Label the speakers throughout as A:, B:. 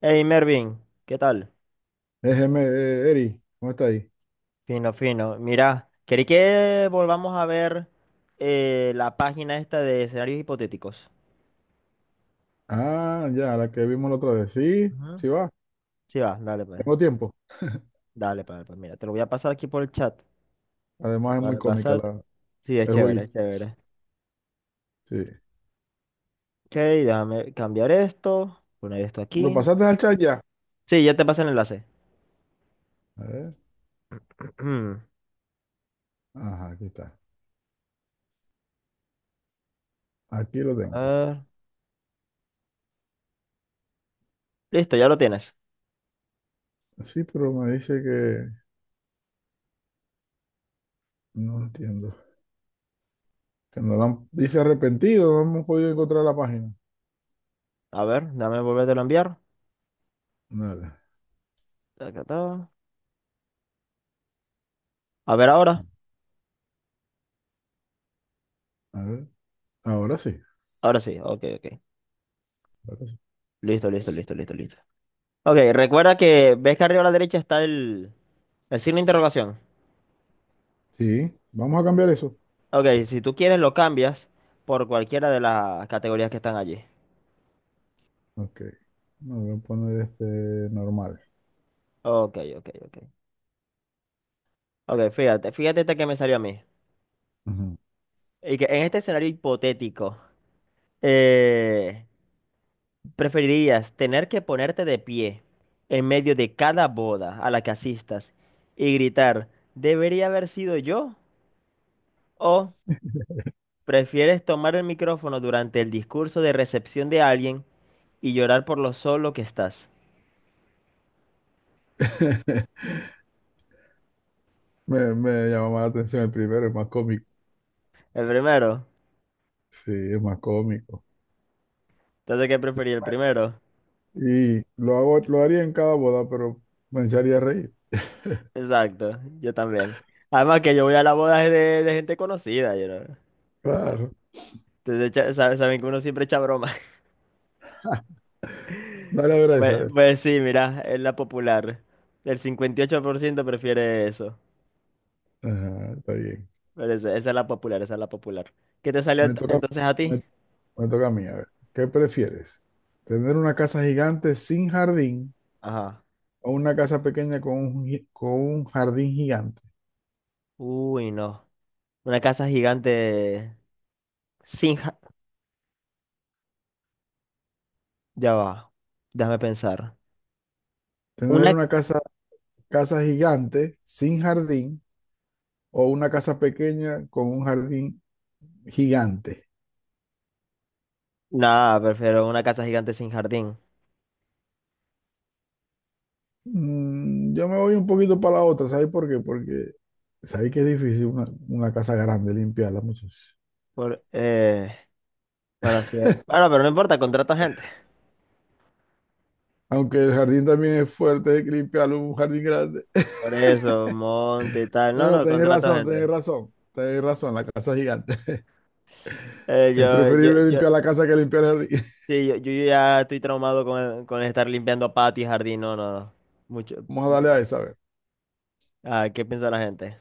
A: Hey Mervin, ¿qué tal?
B: Es Eri, ¿cómo está ahí?
A: Fino, fino. Mira, quería que volvamos a ver la página esta de escenarios hipotéticos.
B: Ah, ya, la que vimos la otra vez. Sí,
A: Ujú.
B: sí va,
A: Sí, va, dale pues.
B: tengo tiempo.
A: Dale pues, pues, mira, te lo voy a pasar aquí por el chat.
B: Además es muy
A: Vale,
B: cómica
A: pasar. Sí, es
B: el
A: chévere,
B: jueguito.
A: es chévere.
B: Sí.
A: Ok, déjame cambiar esto, poner esto
B: ¿Lo
A: aquí.
B: pasaste al chat ya?
A: Sí, ya te pasé el enlace.
B: A ver. Ajá, aquí está. Aquí lo
A: A
B: tengo.
A: ver. Listo, ya lo tienes.
B: Sí, pero me dice que no lo entiendo. Que no la han- dice arrepentido, no hemos podido encontrar la página.
A: A ver, déjame volvértelo a enviar.
B: Nada.
A: Taca, ta. A ver ahora.
B: A ver. Ahora sí.
A: Ahora sí, ok, ok.
B: Ahora sí.
A: Listo, listo, listo, listo, listo. Ok, recuerda que ves que arriba a la derecha está el signo de interrogación.
B: Sí, vamos a cambiar eso.
A: Ok, si tú quieres lo cambias por cualquiera de las categorías que están allí.
B: Ok. No, voy a poner este normal.
A: Ok, ok, ok. Ok, fíjate, fíjate esta que me salió a mí.
B: Ujú.
A: Y que en este escenario hipotético, eh, preferirías tener que ponerte de pie en medio de cada boda a la que asistas y gritar, ¿debería haber sido yo? ¿O prefieres tomar el micrófono durante el discurso de recepción de alguien? Y llorar por lo solo que estás.
B: Me llama más la atención el primero, es más cómico.
A: El primero.
B: Sí, es más cómico.
A: Entonces, ¿qué preferí? El primero.
B: Y lo hago, lo haría en cada boda, pero me echaría a reír.
A: Exacto, yo también. Además que yo voy a las bodas de gente conocida, you know.
B: Claro.
A: Entonces, echa- sabe- saben que uno siempre echa broma.
B: Dale a ver a esa, a
A: Pues,
B: ver.
A: pues sí, mira, es la popular. El 58% prefiere eso.
B: Ajá, está bien.
A: Pero esa es la popular, esa es la popular. ¿Qué te salió
B: Me
A: ent-
B: toca,
A: entonces a
B: me,
A: ti?
B: me toca a mí, a ver. ¿Qué prefieres? ¿Tener una casa gigante sin jardín
A: Ajá.
B: o una casa pequeña con con un jardín gigante?
A: Uy, no. Una casa gigante sin... ja- Ya va. Déjame pensar.
B: ¿Tener
A: Una...
B: una casa gigante sin jardín o una casa pequeña con un jardín gigante?
A: Nada, prefiero una casa gigante sin jardín.
B: Mm, yo me voy un poquito para la otra, ¿sabes por qué? Porque sabéis que es difícil una casa grande limpiarla, muchachos.
A: Por, bueno, sí, bueno, pero no importa, contrato gente.
B: Aunque el jardín también es fuerte, hay que limpiarlo, un jardín grande.
A: Por eso, monte y tal.
B: No,
A: No,
B: no,
A: no,
B: tenéis
A: contrato
B: razón,
A: gente.
B: tenéis razón, tenéis razón, la casa es gigante.
A: Eh,
B: Es
A: yo, yo,
B: preferible
A: yo,
B: limpiar la casa que limpiar el jardín.
A: sí, yo ya estoy traumado con, el- con estar limpiando patio y jardín. No, no, no. Mucho.
B: Vamos a darle a esa, a ver.
A: Ah, ¿qué piensa la gente?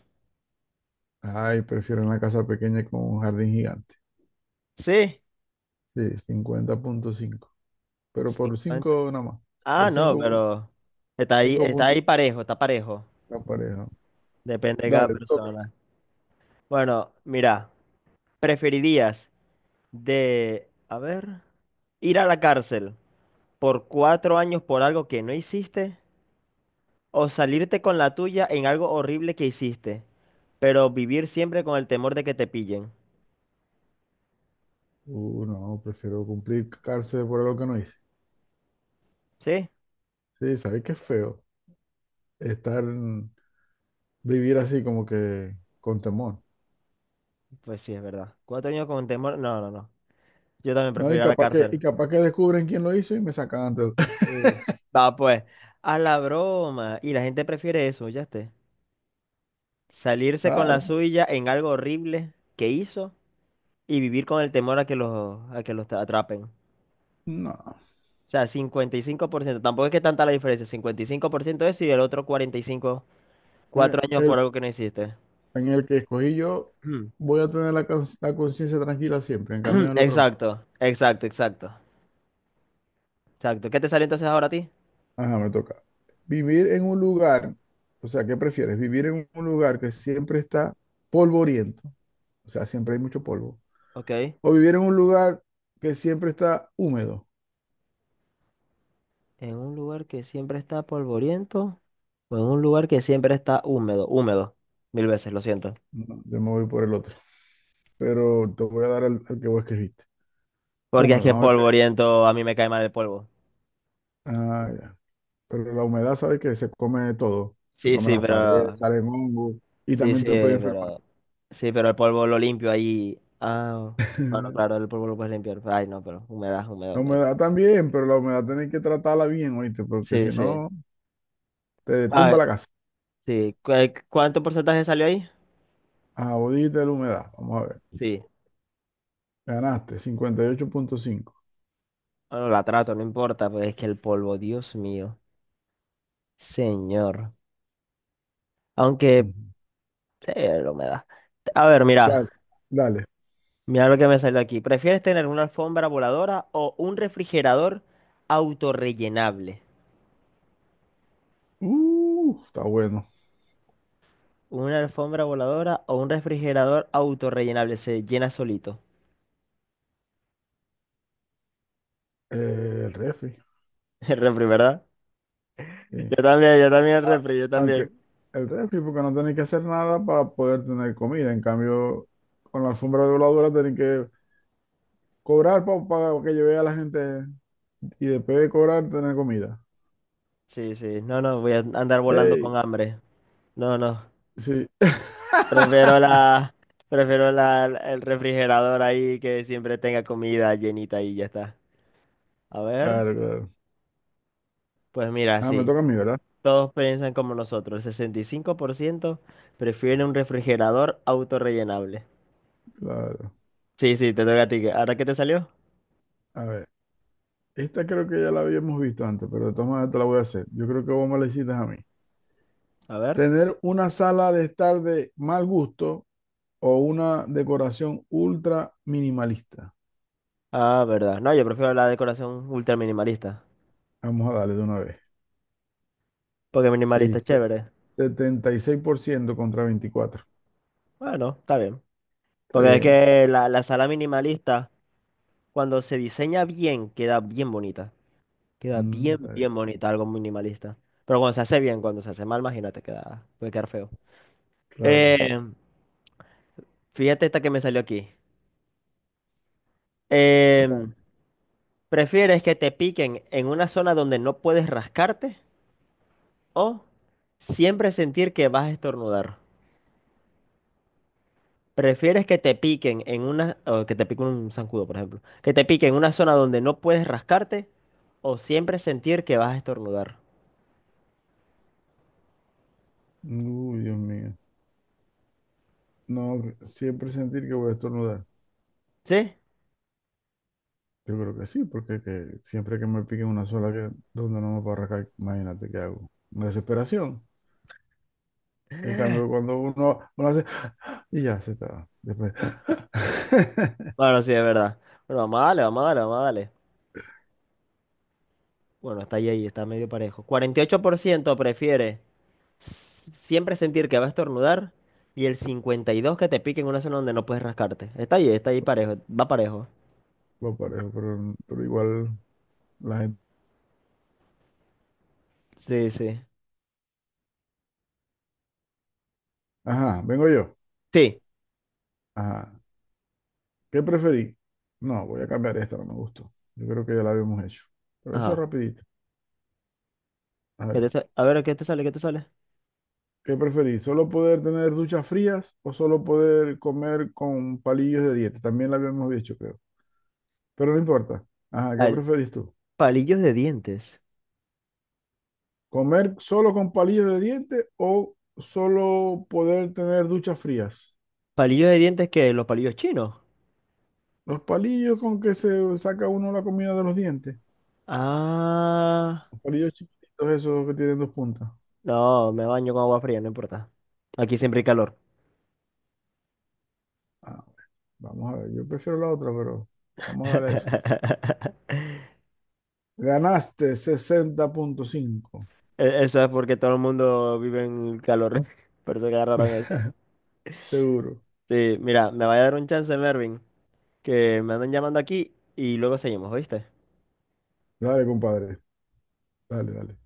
B: Ay, prefiero una casa pequeña con un jardín gigante.
A: Sí,
B: Sí, 50.5, pero por
A: 50.
B: 5 nada más. Por
A: Ah, no,
B: 5,
A: pero
B: 5
A: está
B: puntos
A: ahí parejo, está parejo.
B: la pareja.
A: Depende de
B: Dale,
A: cada
B: te toca.
A: persona. Bueno, mira, ¿preferirías de, a ver, ir a la cárcel por cuatro años por algo que no hiciste? ¿O salirte con la tuya en algo horrible que hiciste, pero vivir siempre con el temor de que te pillen?
B: No, prefiero cumplir cárcel por algo que no hice.
A: ¿Sí?
B: Sí, sabes que es feo estar, vivir así como que con temor.
A: Pues sí, es verdad. Cuatro años con temor. No, no, no. Yo también
B: No,
A: prefiero ir a la
B: y
A: cárcel.
B: capaz que descubren quién lo hizo y me sacan antes.
A: Sí. Va, pues. A la broma. Y la gente prefiere eso, ya esté. Salirse con la
B: Claro,
A: suya en algo horrible que hizo y vivir con el temor a que los tra- atrapen. O
B: no.
A: sea, cincuenta y cinco por ciento. Tampoco es que tanta la diferencia. Cincuenta y cinco por ciento eso y el otro 45, cuatro
B: Eh,
A: años
B: el,
A: por algo que no hiciste.
B: en el que escogí yo, voy a tener la conciencia tranquila siempre. En cambio, en el otro no.
A: Exacto, exacto, exacto. Exacto. ¿Qué te sale entonces ahora a ti?
B: Ajá, me toca. Vivir en un lugar, o sea, ¿qué prefieres? ¿Vivir en un lugar que siempre está polvoriento? O sea, siempre hay mucho polvo.
A: Ok.
B: ¿O vivir en un lugar que siempre está húmedo?
A: En un lugar que siempre está polvoriento o en un lugar que siempre está húmedo. Húmedo. Mil veces, lo siento.
B: No, yo me voy por el otro. Pero te voy a dar el que vos escribiste.
A: Porque es
B: Húmedo,
A: que
B: vamos a ver qué es.
A: polvoriento a mí me cae mal el polvo.
B: Ah, ya. Pero la humedad, ¿sabes que se come todo. Se
A: Sí,
B: come
A: sí,
B: las paredes,
A: pero.
B: salen hongos y
A: Sí,
B: también
A: sí,
B: te puede enfermar.
A: pero. Sí, pero el polvo lo limpio ahí. Ah, bueno, claro, el polvo lo puedes limpiar. Ay, no, pero humedad, humedad,
B: La
A: humedad.
B: humedad también, pero la humedad tenés que tratarla bien, oíste, porque si
A: Sí, sí.
B: no, te tumba
A: Ah,
B: la casa.
A: sí. ¿Cu- ¿Cuánto porcentaje salió ahí?
B: Ah, vos dijiste la humedad. Vamos a ver.
A: Sí.
B: Ganaste, 58.5.
A: Bueno, la trato, no importa, pues es que el polvo, Dios mío. Señor. Aunque
B: Ujú.
A: la humedad. A ver, mira.
B: Dale, dale.
A: Mira lo que me salió aquí. ¿Prefieres tener una alfombra voladora o un refrigerador autorrellenable?
B: Está bueno.
A: Una alfombra voladora o un refrigerador autorrellenable. Se llena solito.
B: El refri.
A: El refri, ¿verdad?
B: Sí.
A: Yo también el
B: a-
A: refri, yo
B: aunque
A: también.
B: el refri, porque no tenéis que hacer nada para poder tener comida. En cambio, con la alfombra voladora tenéis que cobrar para que lleve a la gente y después de cobrar tener comida.
A: Sí, sí. No, no, voy a andar volando
B: ¡Ey!
A: con hambre. No, no.
B: Sí,
A: Prefiero la, el refrigerador ahí que siempre tenga comida llenita y ya está. A ver,
B: claro, claro.
A: pues mira,
B: Ah, me
A: sí.
B: toca a mí, ¿verdad?
A: Todos piensan como nosotros. El 65% prefiere un refrigerador autorrellenable.
B: Claro.
A: Sí, sí, te toca a ti. Que- ¿Ahora qué te salió?
B: A ver, esta creo que ya la habíamos visto antes, pero de todas maneras te la voy a hacer. Yo creo que vos me la hiciste a mí.
A: A ver.
B: Tener una sala de estar de mal gusto o una decoración ultra minimalista.
A: Ah, verdad. No, yo prefiero la decoración ultra minimalista.
B: Vamos a darle de una vez.
A: Porque
B: Sí,
A: minimalista es chévere.
B: 76% contra 24.
A: Bueno, está bien.
B: Está
A: Porque es
B: bien.
A: que la sala minimalista, cuando se diseña bien, queda bien bonita. Queda
B: Mm, está
A: bien,
B: bien.
A: bien bonita, algo minimalista. Pero cuando se hace bien, cuando se hace mal, imagínate, queda, puede quedar feo.
B: Claro.
A: Eh, fíjate esta que me salió aquí. Em,
B: Dale.
A: ¿Prefieres que te piquen en una zona donde no puedes rascarte o siempre sentir que vas a estornudar? ¿Prefieres que te piquen en una, o que te pique un zancudo, por ejemplo, que te piquen en una zona donde no puedes rascarte o siempre sentir que vas a estornudar?
B: Uy, Dios mío. No, siempre sentir que voy a estornudar.
A: ¿Sí?
B: Yo creo que sí, porque que siempre que me pique una sola que donde no me puedo arrancar, imagínate qué hago. Desesperación. En cambio, cuando uno hace y ya se está. Después.
A: Bueno, sí, es verdad. Bueno, vamos a darle, vamos a darle, vamos a darle. Bueno, está ahí, ahí, está medio parejo. 48% prefiere s- siempre sentir que va a estornudar y el 52% que te pique en una zona donde no puedes rascarte. Está ahí parejo, va parejo.
B: Lo parejo, pero igual la gente.
A: Sí, sí.
B: Ajá, vengo yo.
A: Sí.
B: Ajá. ¿Qué preferí? No, voy a cambiar esta, no me gustó. Yo creo que ya la habíamos hecho. Pero eso es
A: Ajá.
B: rapidito. A
A: ¿Qué te
B: ver,
A: sa- A ver, ¿qué te sale? ¿Qué te sale?
B: ¿qué preferí? ¿Solo poder tener duchas frías o solo poder comer con palillos de dieta? También la habíamos dicho, creo. Pero no importa. Ajá, ¿qué
A: Al-
B: preferís tú?
A: palillos de dientes.
B: ¿Comer solo con palillos de diente o solo poder tener duchas frías?
A: ¿Palillos de dientes que los palillos chinos?
B: Los palillos con que se saca uno la comida de los dientes.
A: Ah.
B: Los palillos chiquititos, esos que tienen dos puntas.
A: No, me baño con agua fría, no importa. Aquí siempre hay calor.
B: Ah, vamos a ver, yo prefiero la otra, pero vamos a darle esa. Ganaste 60.5
A: E- Eso es porque todo el mundo vive en calor. Por eso que agarraron esta.
B: seguro.
A: Sí, mira, me va a dar un chance, Mervin, que me andan llamando aquí y luego seguimos, ¿oíste?
B: Dale, compadre. Dale, dale.